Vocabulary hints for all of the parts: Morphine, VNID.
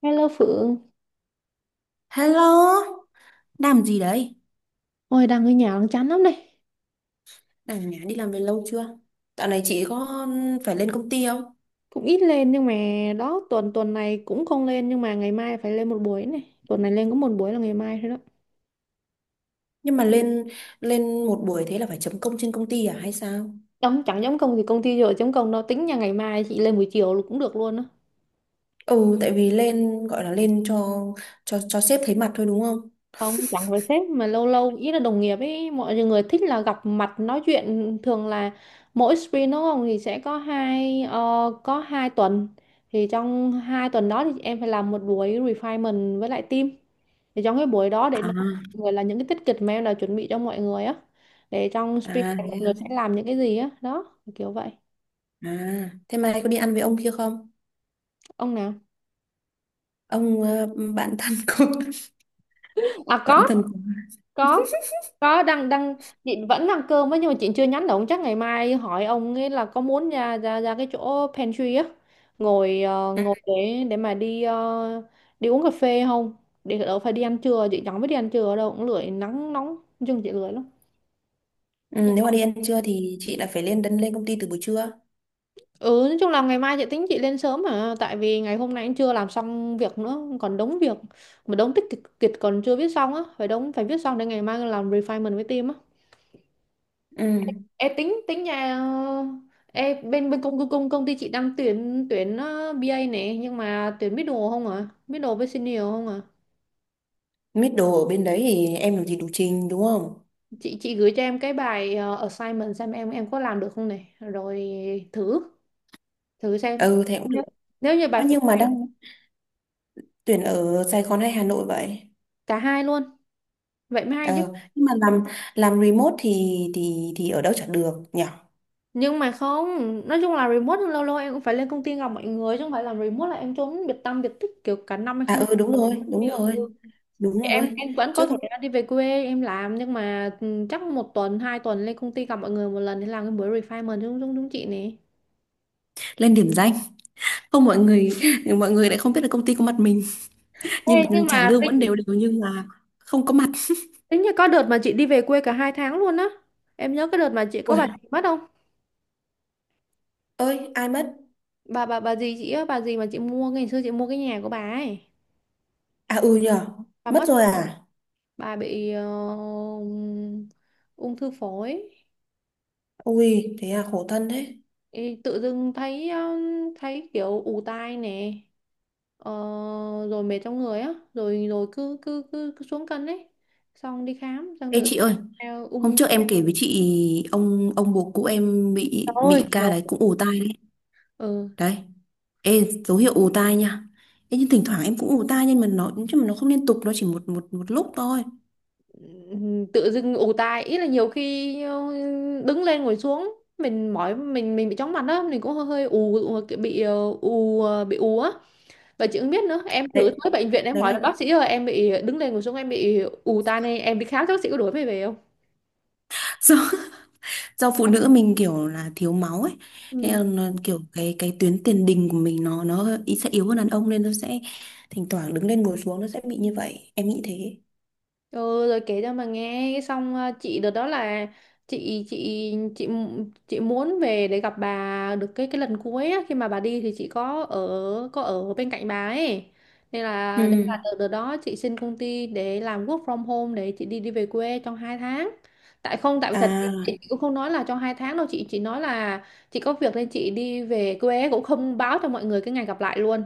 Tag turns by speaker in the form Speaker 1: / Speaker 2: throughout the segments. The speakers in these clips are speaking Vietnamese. Speaker 1: Hello Phượng,
Speaker 2: Hello, làm gì đấy?
Speaker 1: ôi đang ở nhà đang chán lắm này.
Speaker 2: Đang ở nhà đi làm về lâu chưa? Dạo này chị có phải lên công ty không?
Speaker 1: Cũng ít lên nhưng mà đó tuần tuần này cũng không lên, nhưng mà ngày mai phải lên một buổi này. Tuần này lên có một buổi là ngày mai thôi đó.
Speaker 2: Nhưng mà lên lên một buổi thế là phải chấm công trên công ty à hay sao?
Speaker 1: Chẳng chẳng giống công ty giờ chống công đâu tính nha, ngày mai chị lên buổi chiều là cũng được luôn đó.
Speaker 2: Ừ, tại vì lên gọi là lên cho sếp thấy mặt thôi đúng không?
Speaker 1: Không, chẳng với sếp mà lâu lâu ý là đồng nghiệp ấy, mọi người thích là gặp mặt nói chuyện, thường là mỗi sprint đúng không, thì sẽ có hai tuần, thì trong 2 tuần đó thì em phải làm một buổi refinement với lại team, thì trong cái buổi đó để
Speaker 2: À,
Speaker 1: nói với mọi người là những cái tiết kịch mà em đã chuẩn bị cho mọi người á, để trong sprint
Speaker 2: À,
Speaker 1: này
Speaker 2: thế
Speaker 1: mọi người sẽ
Speaker 2: à.
Speaker 1: làm những cái gì á, đó kiểu vậy.
Speaker 2: À, thế mai có đi ăn với ông kia không?
Speaker 1: Ông nào?
Speaker 2: Ông bạn thân của
Speaker 1: À,
Speaker 2: bạn
Speaker 1: có
Speaker 2: thân của.
Speaker 1: có có Đang đang Chị vẫn ăn cơm á nhưng mà chị chưa nhắn được, chắc ngày mai hỏi ông ấy là có muốn ra ra ra cái chỗ pantry á, ngồi để mà đi, đi uống cà phê không, để đâu phải đi ăn trưa. Chị chẳng biết đi ăn trưa đâu, cũng lười, nắng nóng, nói chung chị lười lắm.
Speaker 2: Ừ, nếu mà đi ăn trưa thì chị lại phải lên công ty từ buổi trưa.
Speaker 1: Ừ, nói chung là ngày mai chị tính chị lên sớm, mà tại vì ngày hôm nay cũng chưa làm xong việc nữa, còn đống việc, mà đống tích kịch còn chưa viết xong á, phải phải viết xong để ngày mai làm refinement với team á.
Speaker 2: Ừ.
Speaker 1: Ê, tính tính nhà Ê, bên bên công công công ty chị đang tuyển tuyển ờ, BA này, nhưng mà tuyển middle không à? Middle với senior không à?
Speaker 2: Mít đồ ở bên đấy thì em làm gì đủ trình đúng không?
Speaker 1: Chị gửi cho em cái bài assignment xem em có làm được không này, rồi thử thử xem.
Speaker 2: Ừ thế cũng.
Speaker 1: Nếu Nếu như
Speaker 2: À nhưng mà
Speaker 1: bài,
Speaker 2: đang tuyển ở Sài Gòn hay Hà Nội vậy?
Speaker 1: cả hai luôn, vậy mới hay chứ.
Speaker 2: Ờ, nhưng mà làm remote thì thì ở đâu chẳng được nhỉ?
Speaker 1: Nhưng mà không, nói chung là remote, nhưng lâu lâu em cũng phải lên công ty gặp mọi người, chứ không phải làm remote là em trốn biệt tăm biệt tích kiểu cả năm em
Speaker 2: À
Speaker 1: không lên.
Speaker 2: ừ đúng rồi, đúng rồi, đúng rồi.
Speaker 1: Em vẫn
Speaker 2: Chứ
Speaker 1: có thể
Speaker 2: không
Speaker 1: là đi về quê em làm, nhưng mà, chắc một tuần hai tuần lên công ty gặp mọi người một lần để làm cái buổi refinement, đúng đúng đúng chị này.
Speaker 2: lên điểm danh. Không, mọi người mọi người lại không biết là công ty có mặt mình,
Speaker 1: Ê,
Speaker 2: nhưng mà
Speaker 1: nhưng
Speaker 2: trả
Speaker 1: mà
Speaker 2: lương vẫn
Speaker 1: tính
Speaker 2: đều đều nhưng mà không có mặt.
Speaker 1: tính như có đợt mà chị đi về quê cả 2 tháng luôn á, em nhớ cái đợt mà chị có bà
Speaker 2: Ui,
Speaker 1: gì mất không?
Speaker 2: ơi ai mất?
Speaker 1: Bà gì chị á, bà gì mà chị mua, ngày xưa chị mua cái nhà của bà ấy,
Speaker 2: À ừ nhỉ,
Speaker 1: bà
Speaker 2: mất
Speaker 1: mất.
Speaker 2: rồi à?
Speaker 1: Bà bị ung thư phổi.
Speaker 2: Ui, thế à, khổ thân thế.
Speaker 1: Ê, tự dưng thấy, kiểu ù tai nè, ờ, rồi mệt trong người á, rồi rồi cứ xuống cân ấy, xong đi khám xong
Speaker 2: Ê
Speaker 1: tự
Speaker 2: chị ơi, hôm
Speaker 1: ung
Speaker 2: trước em kể với chị ông bố cũ em bị
Speaker 1: Rồi,
Speaker 2: bị ca
Speaker 1: rồi.
Speaker 2: đấy cũng ù tai đấy.
Speaker 1: Ừ.
Speaker 2: Đấy. Ê, dấu hiệu ù tai nha. Ê, nhưng thỉnh thoảng em cũng ù tai nhưng mà nó không liên tục, nó chỉ một một một lúc thôi.
Speaker 1: Tự dưng ù tai ý là, nhiều khi đứng lên ngồi xuống mình mỏi, mình bị chóng mặt á, mình cũng hơi hơi ù ù- kiểu bị ù, bị ù á. Và chị cũng biết nữa, em thử
Speaker 2: Đấy,
Speaker 1: tới bệnh viện em
Speaker 2: đấy
Speaker 1: hỏi
Speaker 2: là
Speaker 1: là, bác sĩ ơi em bị đứng lên ngồi xuống em bị ù tai này, em đi khám cho bác sĩ có đuổi mày về không?
Speaker 2: do, do phụ nữ mình kiểu là thiếu máu ấy. Thế
Speaker 1: Ừ.
Speaker 2: là nó, kiểu cái tuyến tiền đình của mình nó hơi- ý sẽ yếu hơn đàn ông nên nó sẽ thỉnh thoảng đứng lên ngồi xuống nó sẽ bị như vậy. Em nghĩ thế.
Speaker 1: Ừ, rồi kể cho mà nghe cái xong, chị đợt đó là, chị muốn về để gặp bà được cái lần cuối á, khi mà bà đi thì chị có ở, bên cạnh bà ấy, nên là đấy là
Speaker 2: Ừ.
Speaker 1: đợt đó chị xin công ty để làm work from home, để chị đi đi về quê trong 2 tháng, tại không tại vì thật chị
Speaker 2: À.
Speaker 1: chị cũng không nói là trong 2 tháng đâu, chị chỉ nói là chị có việc nên chị đi về quê, cũng không báo cho mọi người cái ngày gặp lại luôn.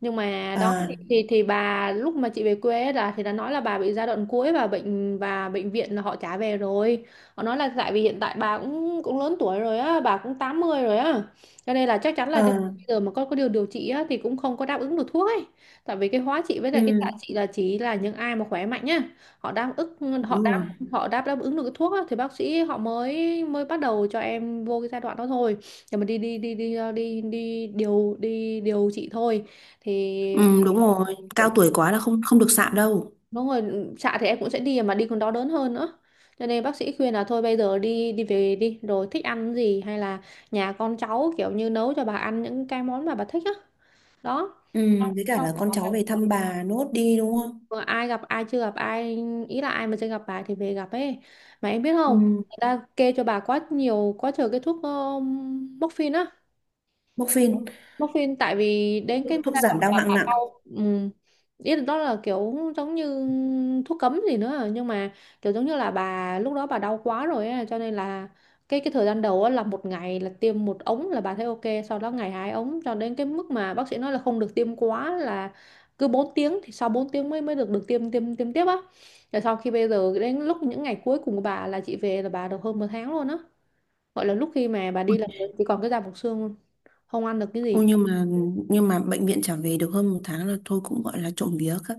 Speaker 1: Nhưng mà đó thì,
Speaker 2: À.
Speaker 1: bà lúc mà chị về quê ấy là, thì đã nói là bà bị giai đoạn cuối, và bệnh viện là họ trả về rồi. Họ nói là, tại vì hiện tại bà cũng cũng lớn tuổi rồi á, bà cũng 80 rồi á, cho nên là chắc chắn là nếu
Speaker 2: À.
Speaker 1: bây giờ mà có điều điều trị á thì cũng không có đáp ứng được thuốc ấy, tại vì cái hóa trị với lại cái xạ
Speaker 2: Ừ.
Speaker 1: trị là chỉ là những ai mà khỏe mạnh nhá, họ đáp ứng
Speaker 2: Đúng rồi.
Speaker 1: họ đáp đáp ứng được cái thuốc á, thì bác sĩ họ mới mới bắt đầu cho em vô cái giai đoạn đó thôi, để mà đi đi đi đi ờ, đi đi điều trị thôi, thì
Speaker 2: Ừ, đúng rồi. Cao
Speaker 1: hiện-
Speaker 2: tuổi quá là không, không được sạm đâu.
Speaker 1: đúng rồi, xạ thì em cũng sẽ đi mà đi còn đau đớn hơn nữa, cho nên bác sĩ khuyên là thôi bây giờ đi đi về đi, rồi thích ăn gì, hay là nhà con cháu kiểu như nấu cho bà ăn những cái món mà bà thích á, đó.
Speaker 2: Ừ, với cả
Speaker 1: Xong
Speaker 2: là con
Speaker 1: bảo là,
Speaker 2: cháu về thăm bà nốt đi đúng không.
Speaker 1: vừa ai gặp ai chưa gặp ai, ý là ai mà chưa gặp bà thì về gặp ấy. Mà em biết không,
Speaker 2: Ừ.
Speaker 1: người ta kê cho bà quá nhiều quá trời cái thuốc, morphine á,
Speaker 2: Morphine,
Speaker 1: Muffin, tại vì đến cái người
Speaker 2: thuốc
Speaker 1: ta
Speaker 2: giảm
Speaker 1: gọi
Speaker 2: đau
Speaker 1: là
Speaker 2: hạng
Speaker 1: hạ
Speaker 2: nặng.
Speaker 1: cau ừ. Ý là đó là kiểu giống như thuốc cấm gì nữa, nhưng mà kiểu giống như là bà lúc đó bà đau quá rồi á, cho nên là cái thời gian đầu á là một ngày là tiêm một ống là bà thấy ok, sau đó ngày 2 ống, cho đến cái mức mà bác sĩ nói là không được tiêm quá, là cứ 4 tiếng, thì sau 4 tiếng mới mới được được tiêm tiêm tiêm tiếp á, rồi sau khi bây giờ đến lúc những ngày cuối cùng của bà là chị về, là bà được hơn một tháng luôn á, gọi là lúc khi mà bà đi là chỉ còn cái da bọc xương luôn, không ăn được cái gì.
Speaker 2: Ô, nhưng mà bệnh viện trả về được hơn một tháng là thôi, cũng gọi là trộm vía các,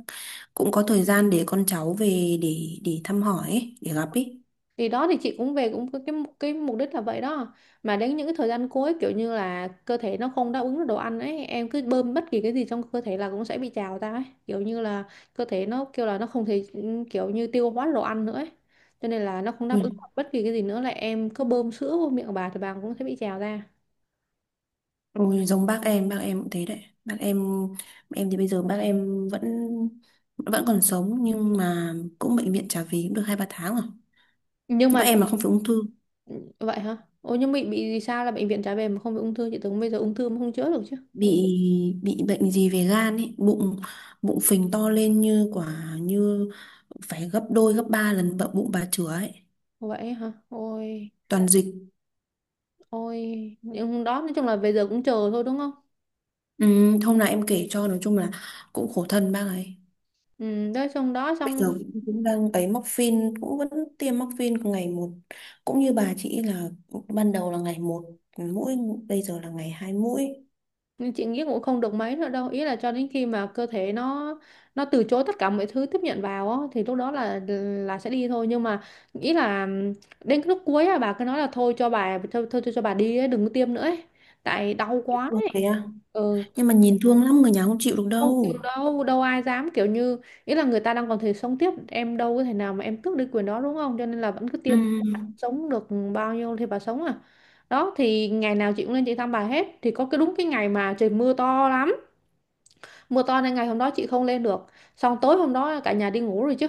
Speaker 2: cũng có thời gian để con cháu về để thăm hỏi ấy, để gặp ấy.
Speaker 1: Thì đó thì chị cũng về cũng có cái mục đích là vậy đó, mà đến những cái thời gian cuối kiểu như là cơ thể nó không đáp ứng được đồ ăn ấy, em cứ bơm bất kỳ cái gì trong cơ thể là cũng sẽ bị trào ra ấy, kiểu như là cơ thể nó kêu là nó không thể, kiểu như tiêu hóa đồ ăn nữa ấy, cho nên là nó không đáp ứng
Speaker 2: Ui,
Speaker 1: được bất kỳ cái gì nữa, là em cứ bơm sữa vô miệng của bà thì bà cũng sẽ bị trào ra,
Speaker 2: ui, giống bác em cũng thế đấy. Bác em thì bây giờ bác em vẫn vẫn còn sống nhưng mà cũng bệnh viện trả về cũng được hai ba tháng rồi.
Speaker 1: nhưng
Speaker 2: Nhưng
Speaker 1: mà.
Speaker 2: bác em là không phải ung thư,
Speaker 1: Ừ, vậy hả ôi, nhưng bị gì sao là bệnh viện trả về mà không bị ung thư? Chị tưởng bây giờ ung thư mà không chữa được chứ.
Speaker 2: bị bị bệnh gì về gan ấy, bụng bụng phình to lên như quả như phải gấp đôi gấp ba lần bụng bụng bà chửa ấy.
Speaker 1: Vậy hả, ôi,
Speaker 2: Toàn dịch.
Speaker 1: ôi, nhưng đó nói chung là bây giờ cũng chờ thôi, đúng không?
Speaker 2: Ừ, hôm nào em kể cho. Nói chung là cũng khổ thân bác ấy
Speaker 1: Ừ, tới xong đó
Speaker 2: bây
Speaker 1: xong
Speaker 2: giờ cũng cũng đang ấy móc phin cũng vẫn tiêm móc phin ngày một, cũng như bà chị là ban đầu là ngày một mũi, bây giờ là ngày hai mũi.
Speaker 1: chuyện giấc cũng không được mấy nữa đâu, ý là cho đến khi mà cơ thể nó từ chối tất cả mọi thứ tiếp nhận vào á, thì lúc đó là sẽ đi thôi, nhưng mà ý là đến cái lúc cuối á, bà cứ nói là thôi cho bà, thôi thôi cho bà đi ấy, đừng có tiêm nữa ấy, tại đau quá
Speaker 2: Ừ,
Speaker 1: ấy.
Speaker 2: thế à?
Speaker 1: Ừ,
Speaker 2: Nhưng mà nhìn thương lắm, người nhà không chịu được
Speaker 1: không chịu
Speaker 2: đâu.
Speaker 1: đâu đâu ai dám kiểu như ý là người ta đang còn thể sống tiếp em đâu có thể nào mà em tước đi quyền đó đúng không, cho nên là vẫn cứ
Speaker 2: Ừ.
Speaker 1: tiêm sống được bao nhiêu thì bà sống à. Đó thì ngày nào chị cũng lên chị thăm bà hết, thì có cái đúng cái ngày mà trời mưa to lắm, mưa to nên ngày hôm đó chị không lên được. Xong tối hôm đó cả nhà đi ngủ rồi chứ,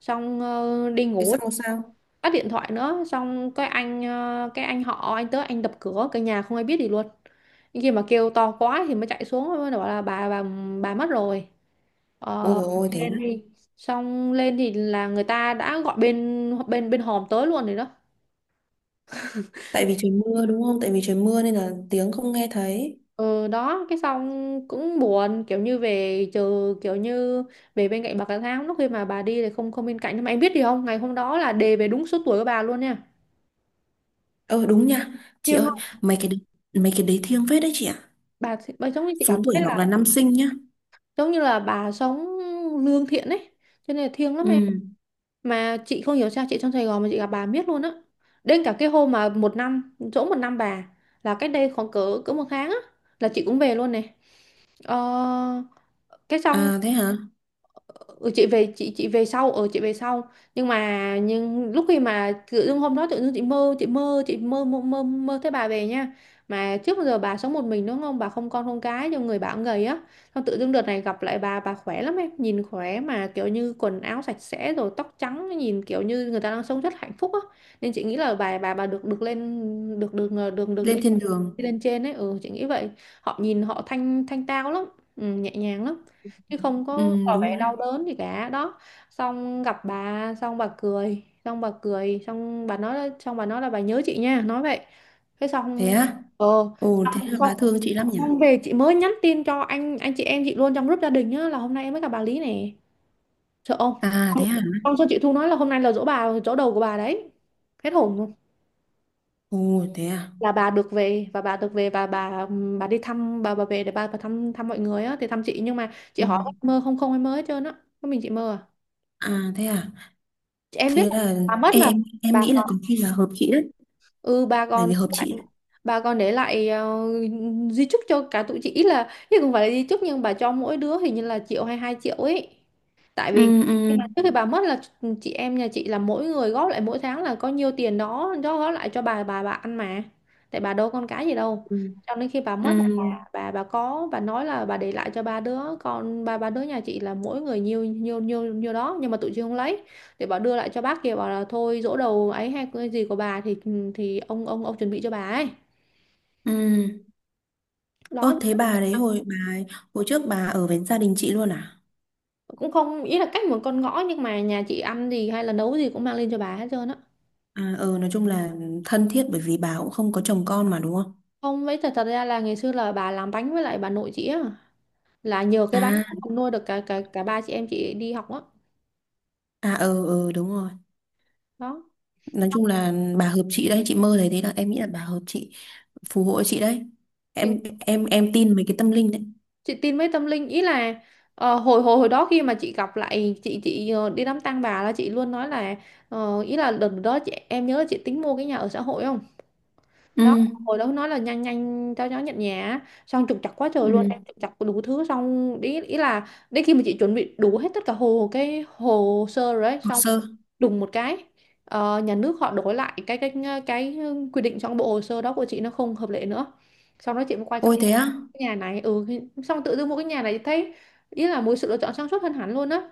Speaker 1: xong đi
Speaker 2: Thế
Speaker 1: ngủ,
Speaker 2: xong rồi sao?
Speaker 1: tắt điện thoại nữa. Xong cái anh cái anh họ anh tới anh đập cửa, cả nhà không ai biết gì luôn, nhưng khi mà kêu to quá thì mới chạy xuống, mới bảo là bà bà mất rồi.
Speaker 2: Ôi
Speaker 1: Ờ,
Speaker 2: dồi ôi thế.
Speaker 1: lên thì xong lên thì là người ta đã gọi bên bên bên hòm tới luôn rồi đó.
Speaker 2: Tại vì trời mưa đúng không, tại vì trời mưa nên là tiếng không nghe thấy.
Speaker 1: Ừ, đó cái xong cũng buồn, kiểu như về chờ, kiểu như về bên cạnh bà cả tháng, lúc khi mà bà đi thì không không bên cạnh. Nhưng mà em biết gì không, ngày hôm đó là đề về đúng số tuổi của bà luôn nha,
Speaker 2: Ơ đúng nha chị
Speaker 1: thiêng
Speaker 2: ơi,
Speaker 1: lắm.
Speaker 2: mấy cái đấy- mấy cái đấy thiêng phết đấy chị ạ.
Speaker 1: Bà giống như chị
Speaker 2: Số
Speaker 1: cảm
Speaker 2: tuổi
Speaker 1: thấy
Speaker 2: hoặc
Speaker 1: là
Speaker 2: là năm sinh nhá.
Speaker 1: giống như là bà sống lương thiện ấy, cho nên là thiêng lắm em.
Speaker 2: Ừ.
Speaker 1: Mà chị không hiểu sao chị trong Sài Gòn mà chị gặp bà miết luôn á, đến cả cái hôm mà một năm chỗ một năm bà, là cách đây khoảng cỡ cỡ một tháng á, là chị cũng về luôn này. Ờ, cái xong.
Speaker 2: À thế hả.
Speaker 1: Ừ, chị về chị về sau, ở chị về sau, nhưng mà nhưng lúc khi mà tự dưng hôm đó tự dưng chị mơ mơ thấy bà về nha. Mà trước bao giờ bà sống một mình đúng không, bà không con không cái, cho người bà cũng gầy á. Xong tự dưng đợt này gặp lại bà khỏe lắm em, nhìn khỏe, mà kiểu như quần áo sạch sẽ rồi tóc trắng, nhìn kiểu như người ta đang sống rất hạnh phúc á, nên chị nghĩ là bà bà được được lên được được, được
Speaker 2: Lên
Speaker 1: đi,
Speaker 2: thiên đường.
Speaker 1: đi lên trên ấy, ừ chị nghĩ vậy. Họ nhìn họ thanh thanh tao lắm, ừ, nhẹ nhàng lắm, chứ không
Speaker 2: Ừ,
Speaker 1: có tỏ
Speaker 2: đúng
Speaker 1: vẻ
Speaker 2: rồi đấy.
Speaker 1: đau đớn gì cả đó. Xong gặp bà xong bà cười xong bà nói là bà nhớ chị nha, nói vậy. Thế
Speaker 2: Thế
Speaker 1: xong
Speaker 2: á?
Speaker 1: ờ
Speaker 2: Ồ thế
Speaker 1: xong
Speaker 2: là
Speaker 1: xong
Speaker 2: bà thương chị lắm nhỉ.
Speaker 1: xong về chị mới nhắn tin cho anh chị em chị luôn trong group gia đình á, là hôm nay em mới gặp bà Lý nè, sợ không.
Speaker 2: À thế à.
Speaker 1: Xong xong chị Thu nói là hôm nay là giỗ bà, giỗ đầu của bà đấy, hết hồn luôn.
Speaker 2: Ồ thế à.
Speaker 1: Là bà được về, và bà đi thăm, bà về để bà thăm thăm mọi người á, thì thăm chị. Nhưng mà chị
Speaker 2: Ừ.
Speaker 1: hỏi mơ không không em mới hết trơn á, có mình chị mơ à,
Speaker 2: À thế à.
Speaker 1: chị em biết
Speaker 2: Thế
Speaker 1: là
Speaker 2: là.
Speaker 1: bà mất
Speaker 2: Ê,
Speaker 1: mà.
Speaker 2: em
Speaker 1: Bà
Speaker 2: nghĩ là có khi là hợp chị đấy,
Speaker 1: ừ ba
Speaker 2: bởi
Speaker 1: con
Speaker 2: vì hợp
Speaker 1: lại,
Speaker 2: chị.
Speaker 1: ba con để lại di chúc cho cả tụi chị, ý là chứ không phải là di chúc, nhưng bà cho mỗi đứa hình như là triệu hay hai triệu ấy, tại vì
Speaker 2: Ừ. Ừ.
Speaker 1: trước khi bà mất là chị em nhà chị là mỗi người góp lại mỗi tháng là có nhiêu tiền đó đó góp lại cho bà, bà ăn mà, tại bà đâu con cái gì đâu.
Speaker 2: Ừ.
Speaker 1: Cho nên khi bà
Speaker 2: Ừ.
Speaker 1: mất là bà có bà nói là bà để lại cho ba đứa con, ba ba đứa nhà chị là mỗi người nhiêu nhiêu đó, nhưng mà tụi chị không lấy, thì bảo đưa lại cho bác kia, bảo là thôi giỗ đầu ấy hay cái gì của bà thì ông ông chuẩn bị cho bà ấy
Speaker 2: Ừ.
Speaker 1: đó.
Speaker 2: Ơ, thế bà đấy hồi bà ấy- hồi trước bà ở với gia đình chị luôn à?
Speaker 1: Cũng không, ý là cách một con ngõ, nhưng mà nhà chị ăn gì hay là nấu gì cũng mang lên cho bà hết trơn á.
Speaker 2: À ờ nói chung là thân thiết bởi vì bà cũng không có chồng con mà đúng không.
Speaker 1: Không, với thật thật ra là ngày xưa là bà làm bánh với lại bà nội chị á, là nhờ cái bánh
Speaker 2: À
Speaker 1: đó mà nuôi được cả cả cả ba chị em chị đi học á,
Speaker 2: à ờ ờ đúng rồi.
Speaker 1: đó.
Speaker 2: Nói chung là bà hợp chị đấy, chị mơ thấy thế là em nghĩ là bà hợp chị, phù hộ chị đấy.
Speaker 1: chị,
Speaker 2: Em tin mấy cái tâm linh đấy.
Speaker 1: chị tin với tâm linh, ý là ờ, hồi hồi hồi đó khi mà chị gặp lại chị đi đám tang bà là chị luôn nói là ý là lần đó chị em nhớ là chị tính mua cái nhà ở xã hội không
Speaker 2: Ừ.
Speaker 1: đó, hồi đó nói là nhanh nhanh cho nó nhận nhà á. Xong trục trặc quá trời luôn
Speaker 2: Ừ.
Speaker 1: em, trục trặc đủ thứ xong ý là đến khi mà chị chuẩn bị đủ hết tất cả cái hồ sơ rồi ấy,
Speaker 2: Hồ
Speaker 1: xong
Speaker 2: sơ.
Speaker 1: đùng một cái nhà nước họ đổi lại cái cái quy định, trong bộ hồ sơ đó của chị nó không hợp lệ nữa. Sau đó chị mới quay sang
Speaker 2: Ôi
Speaker 1: cái
Speaker 2: thế á.
Speaker 1: nhà này, ừ. Xong tự dưng mua cái nhà này thấy ý là một sự lựa chọn sáng suốt hơn hẳn luôn á.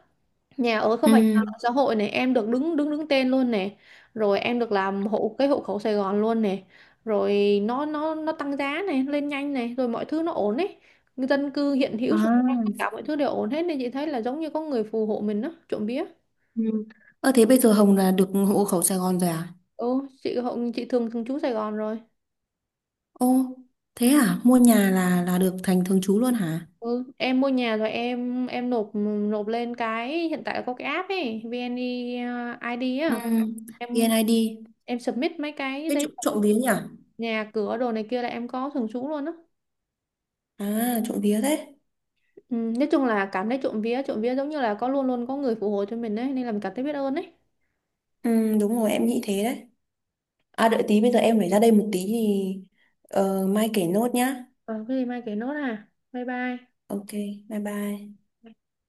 Speaker 1: Nhà ở, không
Speaker 2: Ừ.
Speaker 1: phải nhà ở xã hội này em được đứng đứng đứng tên luôn này, rồi em được làm hộ hộ khẩu Sài Gòn luôn này, rồi nó nó tăng giá này lên nhanh này, rồi mọi thứ nó ổn ấy, dân cư hiện hữu xung quanh tất
Speaker 2: À.
Speaker 1: cả mọi thứ đều ổn hết, nên chị thấy là giống như có người phù hộ mình đó, trộm vía.
Speaker 2: Ừ. Ơ thế bây giờ Hồng là được hộ khẩu Sài Gòn rồi à?
Speaker 1: Ừ chị hộ chị thường thường trú Sài Gòn rồi.
Speaker 2: Ô thế à, mua nhà là được thành thường trú luôn hả?
Speaker 1: Ừ, em mua nhà rồi em nộp nộp lên cái hiện tại có cái app ấy VNeID
Speaker 2: Ừ.
Speaker 1: á, em
Speaker 2: VNID.
Speaker 1: em submit mấy cái
Speaker 2: Thế
Speaker 1: giấy tờ
Speaker 2: trộm vía nhỉ.
Speaker 1: nhà cửa đồ này kia là em có thường trú luôn á.
Speaker 2: À trộm vía thế.
Speaker 1: Ừ, nói chung là cảm thấy trộm vía giống như là có luôn luôn có người phù hộ cho mình ấy, nên là mình cảm thấy biết ơn ấy.
Speaker 2: Ừ đúng rồi, em nghĩ thế đấy. À đợi tí, bây giờ em phải ra đây một tí thì ờ, mai kể nốt nhá.
Speaker 1: Ờ cái gì mai kể nốt à? Bye bye.
Speaker 2: Ok, bye bye.